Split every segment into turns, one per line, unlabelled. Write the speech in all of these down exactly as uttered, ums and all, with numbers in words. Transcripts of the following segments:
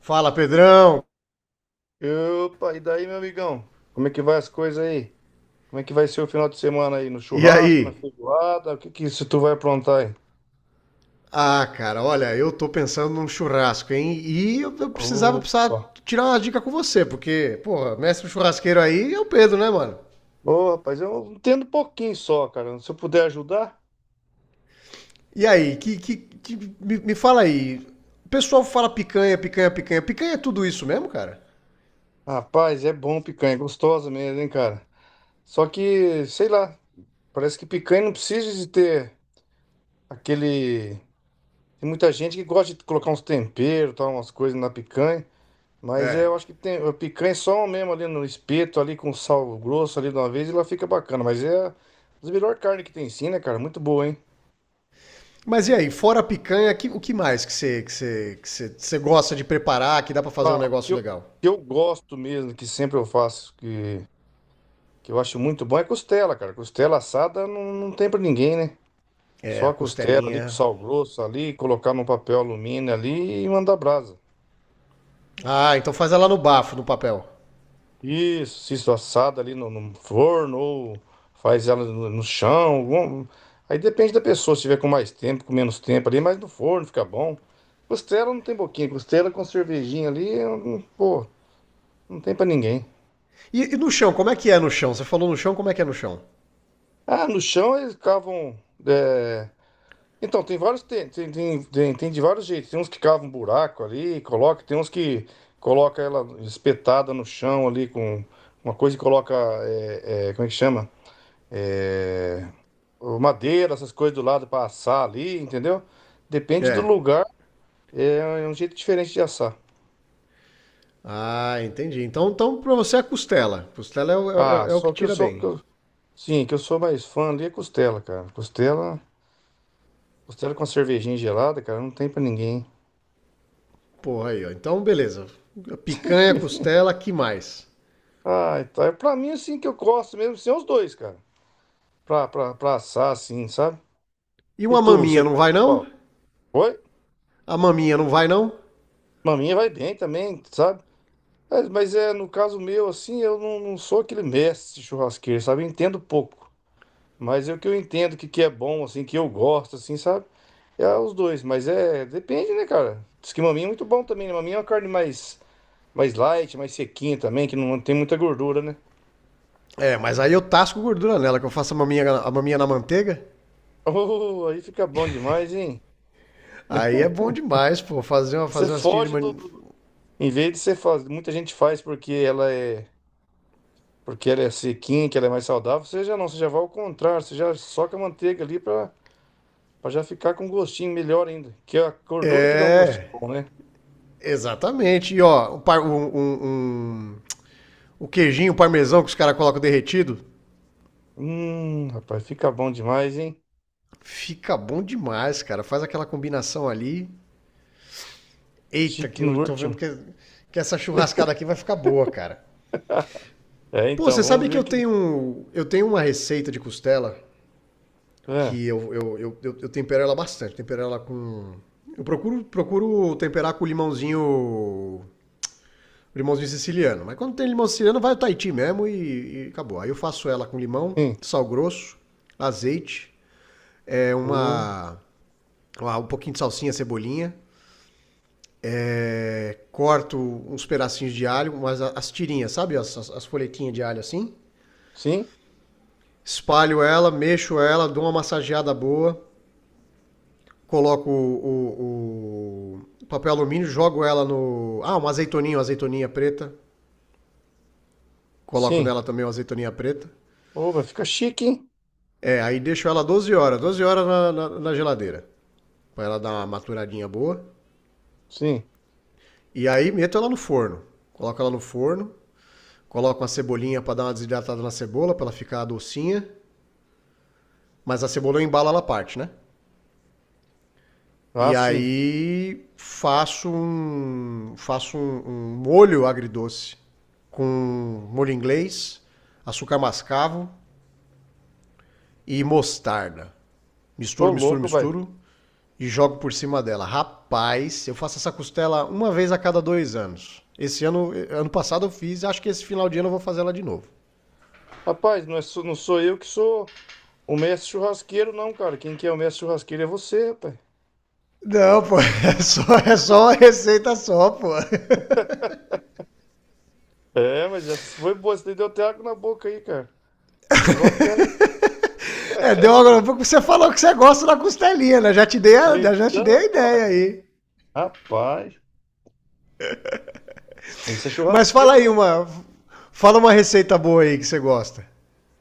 Fala, Pedrão!
Opa, e daí, meu amigão? Como é que vai as coisas aí? Como é que vai ser o final de semana aí? No
E
churrasco, na
aí?
feijoada? O que que isso tu vai aprontar aí?
Ah, cara, olha, eu tô pensando num churrasco, hein? E eu, eu precisava,
Opa.
precisava tirar uma dica com você, porque, porra, mestre churrasqueiro aí é o Pedro, né, mano?
Ô, rapaz, eu entendo um pouquinho só, cara. Se eu puder ajudar,
E aí, que, que, que- me, me fala aí, o pessoal fala picanha, picanha, picanha. Picanha é tudo isso mesmo, cara?
rapaz, é bom picanha, é gostosa mesmo, hein, cara? Só que, sei lá, parece que picanha não precisa de ter aquele. Tem muita gente que gosta de colocar uns temperos, tal, umas coisas na picanha. Mas é,
É.
eu acho que tem a picanha é só mesmo ali no espeto, ali com sal grosso ali de uma vez, e ela fica bacana. Mas é a das melhores carnes que tem sim, né, cara? Muito boa, hein?
Mas e aí, fora a picanha, que- o que mais que você que você, que você, você gosta de preparar que dá pra fazer
Ah,
um
o que
negócio
eu, o
legal?
que eu gosto mesmo, que sempre eu faço, que, que eu acho muito bom, é costela, cara. Costela assada não, não tem pra ninguém, né?
É,
Só
a
a costela ali com
costelinha.
sal grosso ali, colocar num papel alumínio ali e mandar brasa.
Ah, então faz ela no bafo, no papel.
Isso, cisto assado ali no, no forno, ou faz ela no, no chão. algum- Aí depende da pessoa, se tiver com mais tempo, com menos tempo ali, mas no forno fica bom. Costela não tem boquinha, costela com cervejinha ali, eu não- pô, não tem pra ninguém.
E, e no chão, como é que é no chão? Você falou no chão, como é que é no chão?
Ah, no chão eles cavam. é, Então, tem vários. Tem, tem, tem, tem- tem de vários jeitos. Tem uns que cavam um buraco ali, coloca, tem uns que coloca ela espetada no chão ali com uma coisa e coloca. é, é, como é que chama? É, o madeira, essas coisas do lado para assar ali, entendeu? Depende do
É.
lugar, é é um jeito diferente de assar.
Ah, entendi. Então, então pra você é costela. Costela é, o- é
Ah,
o- é o que
só que eu
tira
sou, que
bem.
eu- sim, que eu sou mais fã ali é costela, cara. Costela, costela com uma cervejinha gelada, cara, não tem pra ninguém.
Porra aí, ó. Então, beleza. Picanha, costela, que mais?
Ah, então é pra mim assim que eu gosto mesmo, são os dois, cara. Pra, pra, pra assar assim, sabe?
E
E
uma
tu, você
maminha não
gosta
vai,
de
não?
qual? Oi?
A maminha não vai, não?
Maminha vai bem também, sabe? Mas, mas é, no caso meu, assim, eu não, não sou aquele mestre churrasqueiro, sabe? Eu entendo pouco. Mas é o que eu entendo que, que é bom, assim, que eu gosto, assim, sabe? É os dois, mas é, depende, né, cara? Diz que maminha é muito bom também, né? Maminha é uma carne mais, mais light, mais sequinha também, que não tem muita gordura, né?
É, mas aí eu tasco gordura nela, que eu faço a maminha, a maminha na manteiga.
Oh, aí fica bom demais, hein?
Aí é bom demais, pô. Fazer uma,
Você
fazer uma assistida de
foge do,
man-
do- em vez de você fazer, muita gente faz porque ela é, porque ela é sequinha, que ela é mais saudável, você já não, você já vai ao contrário, você já soca a manteiga ali pra, pra já ficar com um gostinho melhor ainda, que é a gordura que dá um gostinho
É,
bom, né?
exatamente. E ó, um par- um- um- um- o queijinho, o parmesão que os caras colocam derretido.
Hum, rapaz, fica bom demais, hein?
Fica bom demais, cara. Faz aquela combinação ali. Eita,
Chique
que
no
eu tô vendo
último.
que, que essa churrascada aqui vai ficar boa, cara.
É,
Pô,
então,
você
vamos
sabe que
ver
eu
aqui.
tenho, eu tenho uma receita de costela
É,
que eu, eu, eu, eu, eu tempero ela bastante. Tempero ela com. Eu procuro, procuro temperar com limãozinho. Limãozinho siciliano. Mas quando tem limão siciliano, vai o Tahiti mesmo e, e acabou. Aí eu faço ela com limão,
sim.
sal grosso, azeite, é
O,
uma, uma- um pouquinho de salsinha, cebolinha. É, corto uns pedacinhos de alho, mas as tirinhas, sabe? As, as- folhetinhas de alho assim.
sim,
Espalho ela, mexo ela, dou uma massageada boa. Coloco o, o- o papel alumínio, jogo ela no. Ah, uma azeitoninha, uma azeitoninha preta. Coloco
sim.
nela também uma azeitoninha preta.
Ô, vai ficar chique, hein?
É, aí deixo ela doze horas, doze horas na, na- na geladeira. Pra ela dar uma maturadinha boa.
Sim.
E aí meto ela no forno. Coloco ela no forno. Coloco uma cebolinha pra dar uma desidratada na cebola, pra ela ficar docinha. Mas a cebola eu embalo ela parte, né?
Ah,
E
sim.
aí faço um, faço um, um molho agridoce com molho inglês, açúcar mascavo e mostarda.
Ô,
Misturo, misturo,
louco, vai.
misturo e jogo por cima dela. Rapaz, eu faço essa costela uma vez a cada dois anos. Esse ano, ano passado eu fiz, acho que esse final de ano eu vou fazer ela de novo.
Rapaz, não, é, só- não sou eu que sou o mestre churrasqueiro, não, cara. Quem que é o mestre churrasqueiro é você, rapaz.
Não, pô, é só, é só uma receita só, pô.
É, mas essa foi boa. Você deu até água na boca aí, cara. Ficou bacana.
É, deu agora um pouco você falou que você gosta da costelinha, né? Já te dei a, já te dei
Então,
a
pai.
ideia aí.
Rapaz, isso é
Mas fala
churrasqueiro
aí
mesmo.
uma. Fala uma receita boa aí que você gosta.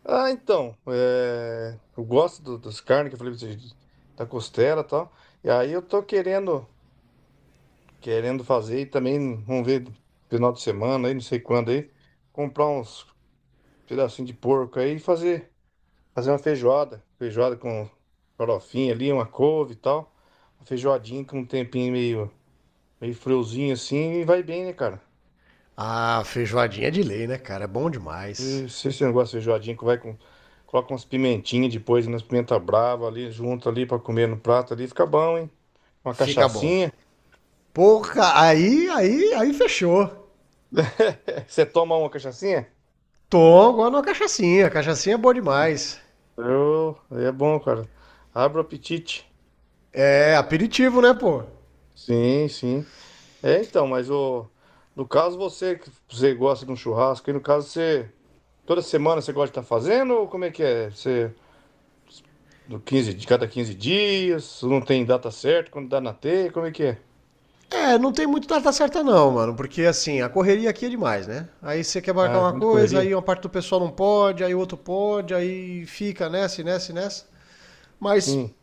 Ah, então. é, eu gosto do, das carnes que eu falei pra você, da costela e tal. E aí eu tô querendo. Querendo fazer e também vamos ver final de semana aí, não sei quando aí, comprar uns pedacinhos de porco aí e fazer, fazer uma feijoada, feijoada com farofinha ali, uma couve e tal, uma feijoadinha com um tempinho meio, meio friozinho assim e vai bem, né, cara?
Ah, feijoadinha de lei, né, cara? É bom demais.
E se você não gosta de feijoadinha, que vai com coloca umas pimentinhas depois, umas pimenta brava ali junto ali pra comer no prato ali, fica bom, hein? Uma
Fica bom.
cachaçinha.
Porra, aí, aí, aí fechou.
Você toma uma cachaçinha?
Tom, agora uma cachaçinha. Cachaçinha é boa demais.
Eu, é bom, cara. Abre o apetite.
É aperitivo, né, pô?
Sim, sim. É, então, mas o, no caso você, que você gosta de um churrasco, e no caso você, toda semana você gosta de estar fazendo, ou como é que é? Você, do quinze de cada quinze dias, não tem data certa, quando dá na teia, como é que é?
É, não tem muito data certa não, mano, porque assim, a correria aqui é demais, né? Aí você quer
Ah,
marcar
é
uma
muita
coisa,
correria?
aí uma parte do pessoal não pode, aí o outro pode, aí fica nessa, e nessa, e nessa. Mas
Sim.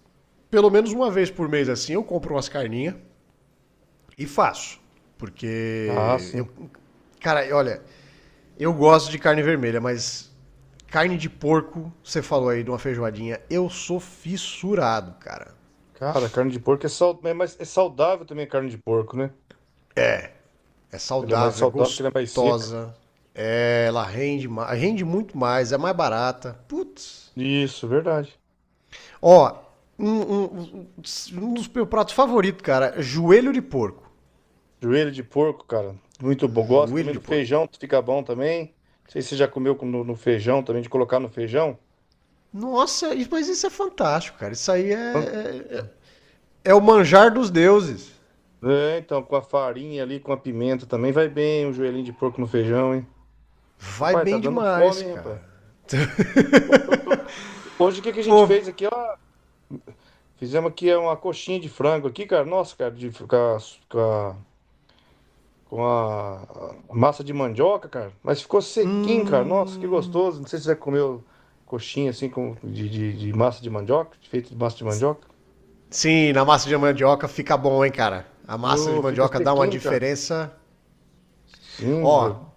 pelo menos uma vez por mês assim, eu compro umas carninhas e faço,
Ah,
porque
sim.
eu, cara, olha, eu gosto de carne vermelha, mas carne de porco, você falou aí de uma feijoadinha, eu sou fissurado, cara.
Cara, carne de porco é, sal, é, mais, é saudável também a carne de porco, né?
É
Ela é mais
saudável, é
saudável que ela é mais seca.
gostosa. é- ela rende, rende muito mais, é mais barata. Putz.
Isso, verdade.
Ó, um, um- um- um dos meus pratos favoritos, cara, é joelho de porco.
Joelho de porco, cara, muito bom. Gosto
Joelho
também do
de porco.
feijão, fica bom também. Não sei se você já comeu com- no no feijão também, de colocar no feijão.
Nossa, mas isso é fantástico, cara. Isso aí é, é, é- é o manjar dos deuses.
É, então, com a farinha ali, com a pimenta também vai bem, um joelhinho de porco no feijão, hein?
Vai
Rapaz, tá
bem
dando fome,
demais,
hein, rapaz?
cara.
Hoje o que que a gente
Pô,
fez aqui, ó? Fizemos aqui é, uma coxinha de frango aqui, cara. Nossa, cara, de, com a, com a, com a massa de mandioca, cara. Mas ficou sequinho, cara. Nossa, que
hum...
gostoso. Não sei se você já comeu coxinha assim com, de, de, de massa de mandioca, feito de massa de mandioca.
Sim, na massa de mandioca fica bom, hein, cara. A massa de
Ô, fica
mandioca dá uma
sequinho, cara.
diferença.
Sim,
Ó,
bro.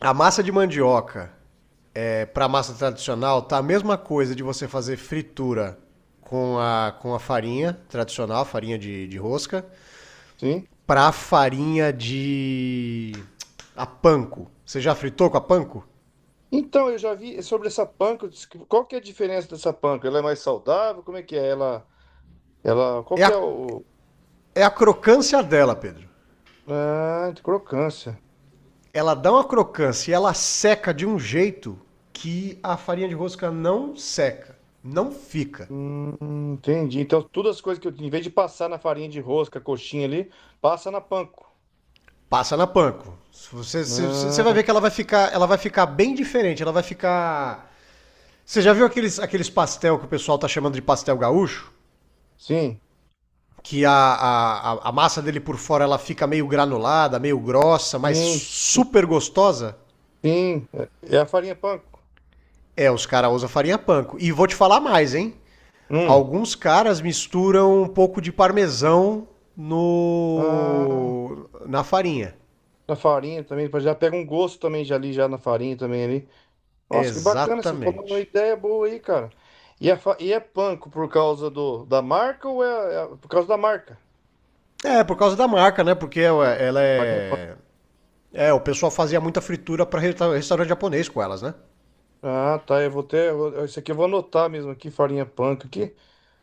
a massa de mandioca, para massa tradicional, tá a mesma coisa de você fazer fritura com a, com a farinha tradicional, farinha de, de rosca,
Sim.
para farinha de. A panko. Você já fritou com a panko?
Então, eu já vi sobre essa panca. eu disse que- Qual que é a diferença dessa panca? Ela é mais saudável? Como é que é? Ela, ela, qual
É
que
a,
é o...
é a crocância dela, Pedro.
Ah, de crocância.
Ela dá uma crocância e ela seca de um jeito que a farinha de rosca não seca, não fica.
Hum, entendi. Então, todas as coisas que eu... Em vez de passar na farinha de rosca, coxinha ali, passa na panko.
Passa na panko. Você, você, você vai
Ah,
ver que ela vai ficar, ela vai ficar bem diferente. Ela vai ficar. Você já viu aqueles, aqueles pastel que o pessoal tá chamando de pastel gaúcho?
sim,
Que a, a, a- massa dele por fora ela fica meio granulada, meio grossa, mas
sim, sim,
super gostosa?
sim. É é a farinha panko.
É, os caras usam farinha panko. E vou te falar mais, hein?
Hum.
Alguns caras misturam um pouco de parmesão
Ah,
no na farinha.
na farinha também. Já pega um gosto também já ali, já na farinha também ali. Nossa, que bacana, você falou uma
Exatamente.
ideia boa aí, cara. E é, fa- e é panko por causa do, da marca ou é, é por causa da marca?
É, por causa da marca, né? Porque ela
Farinha panko.
é. É, é, o pessoal fazia muita fritura para restaurante japonês com elas, né?
Ah, tá, eu vou ter, eu vou- isso aqui eu vou anotar mesmo aqui, farinha panko aqui,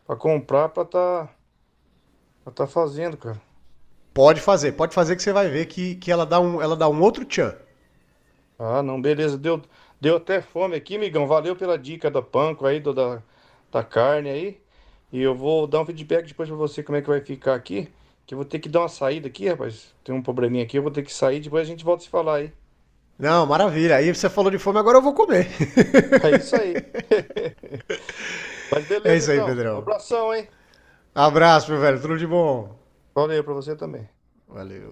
pra comprar, pra tá, pra tá fazendo, cara.
Pode fazer, pode fazer que você vai ver que, que ela, dá um, ela dá um outro tchan.
Ah, não, beleza, deu, deu até fome aqui, migão, valeu pela dica da panko aí, do, da, da carne aí. E eu vou dar um feedback depois pra você como é que vai ficar aqui, que eu vou ter que dar uma saída aqui, rapaz. Tem um probleminha aqui, eu vou ter que sair, depois a gente volta a se falar aí.
Não, maravilha. Aí você falou de fome, agora eu vou comer.
É isso aí. Mas
É
beleza
isso aí,
então.
Pedrão.
Abração, hein?
Abraço, meu velho. Tudo de bom.
Valeu pra você também.
Valeu.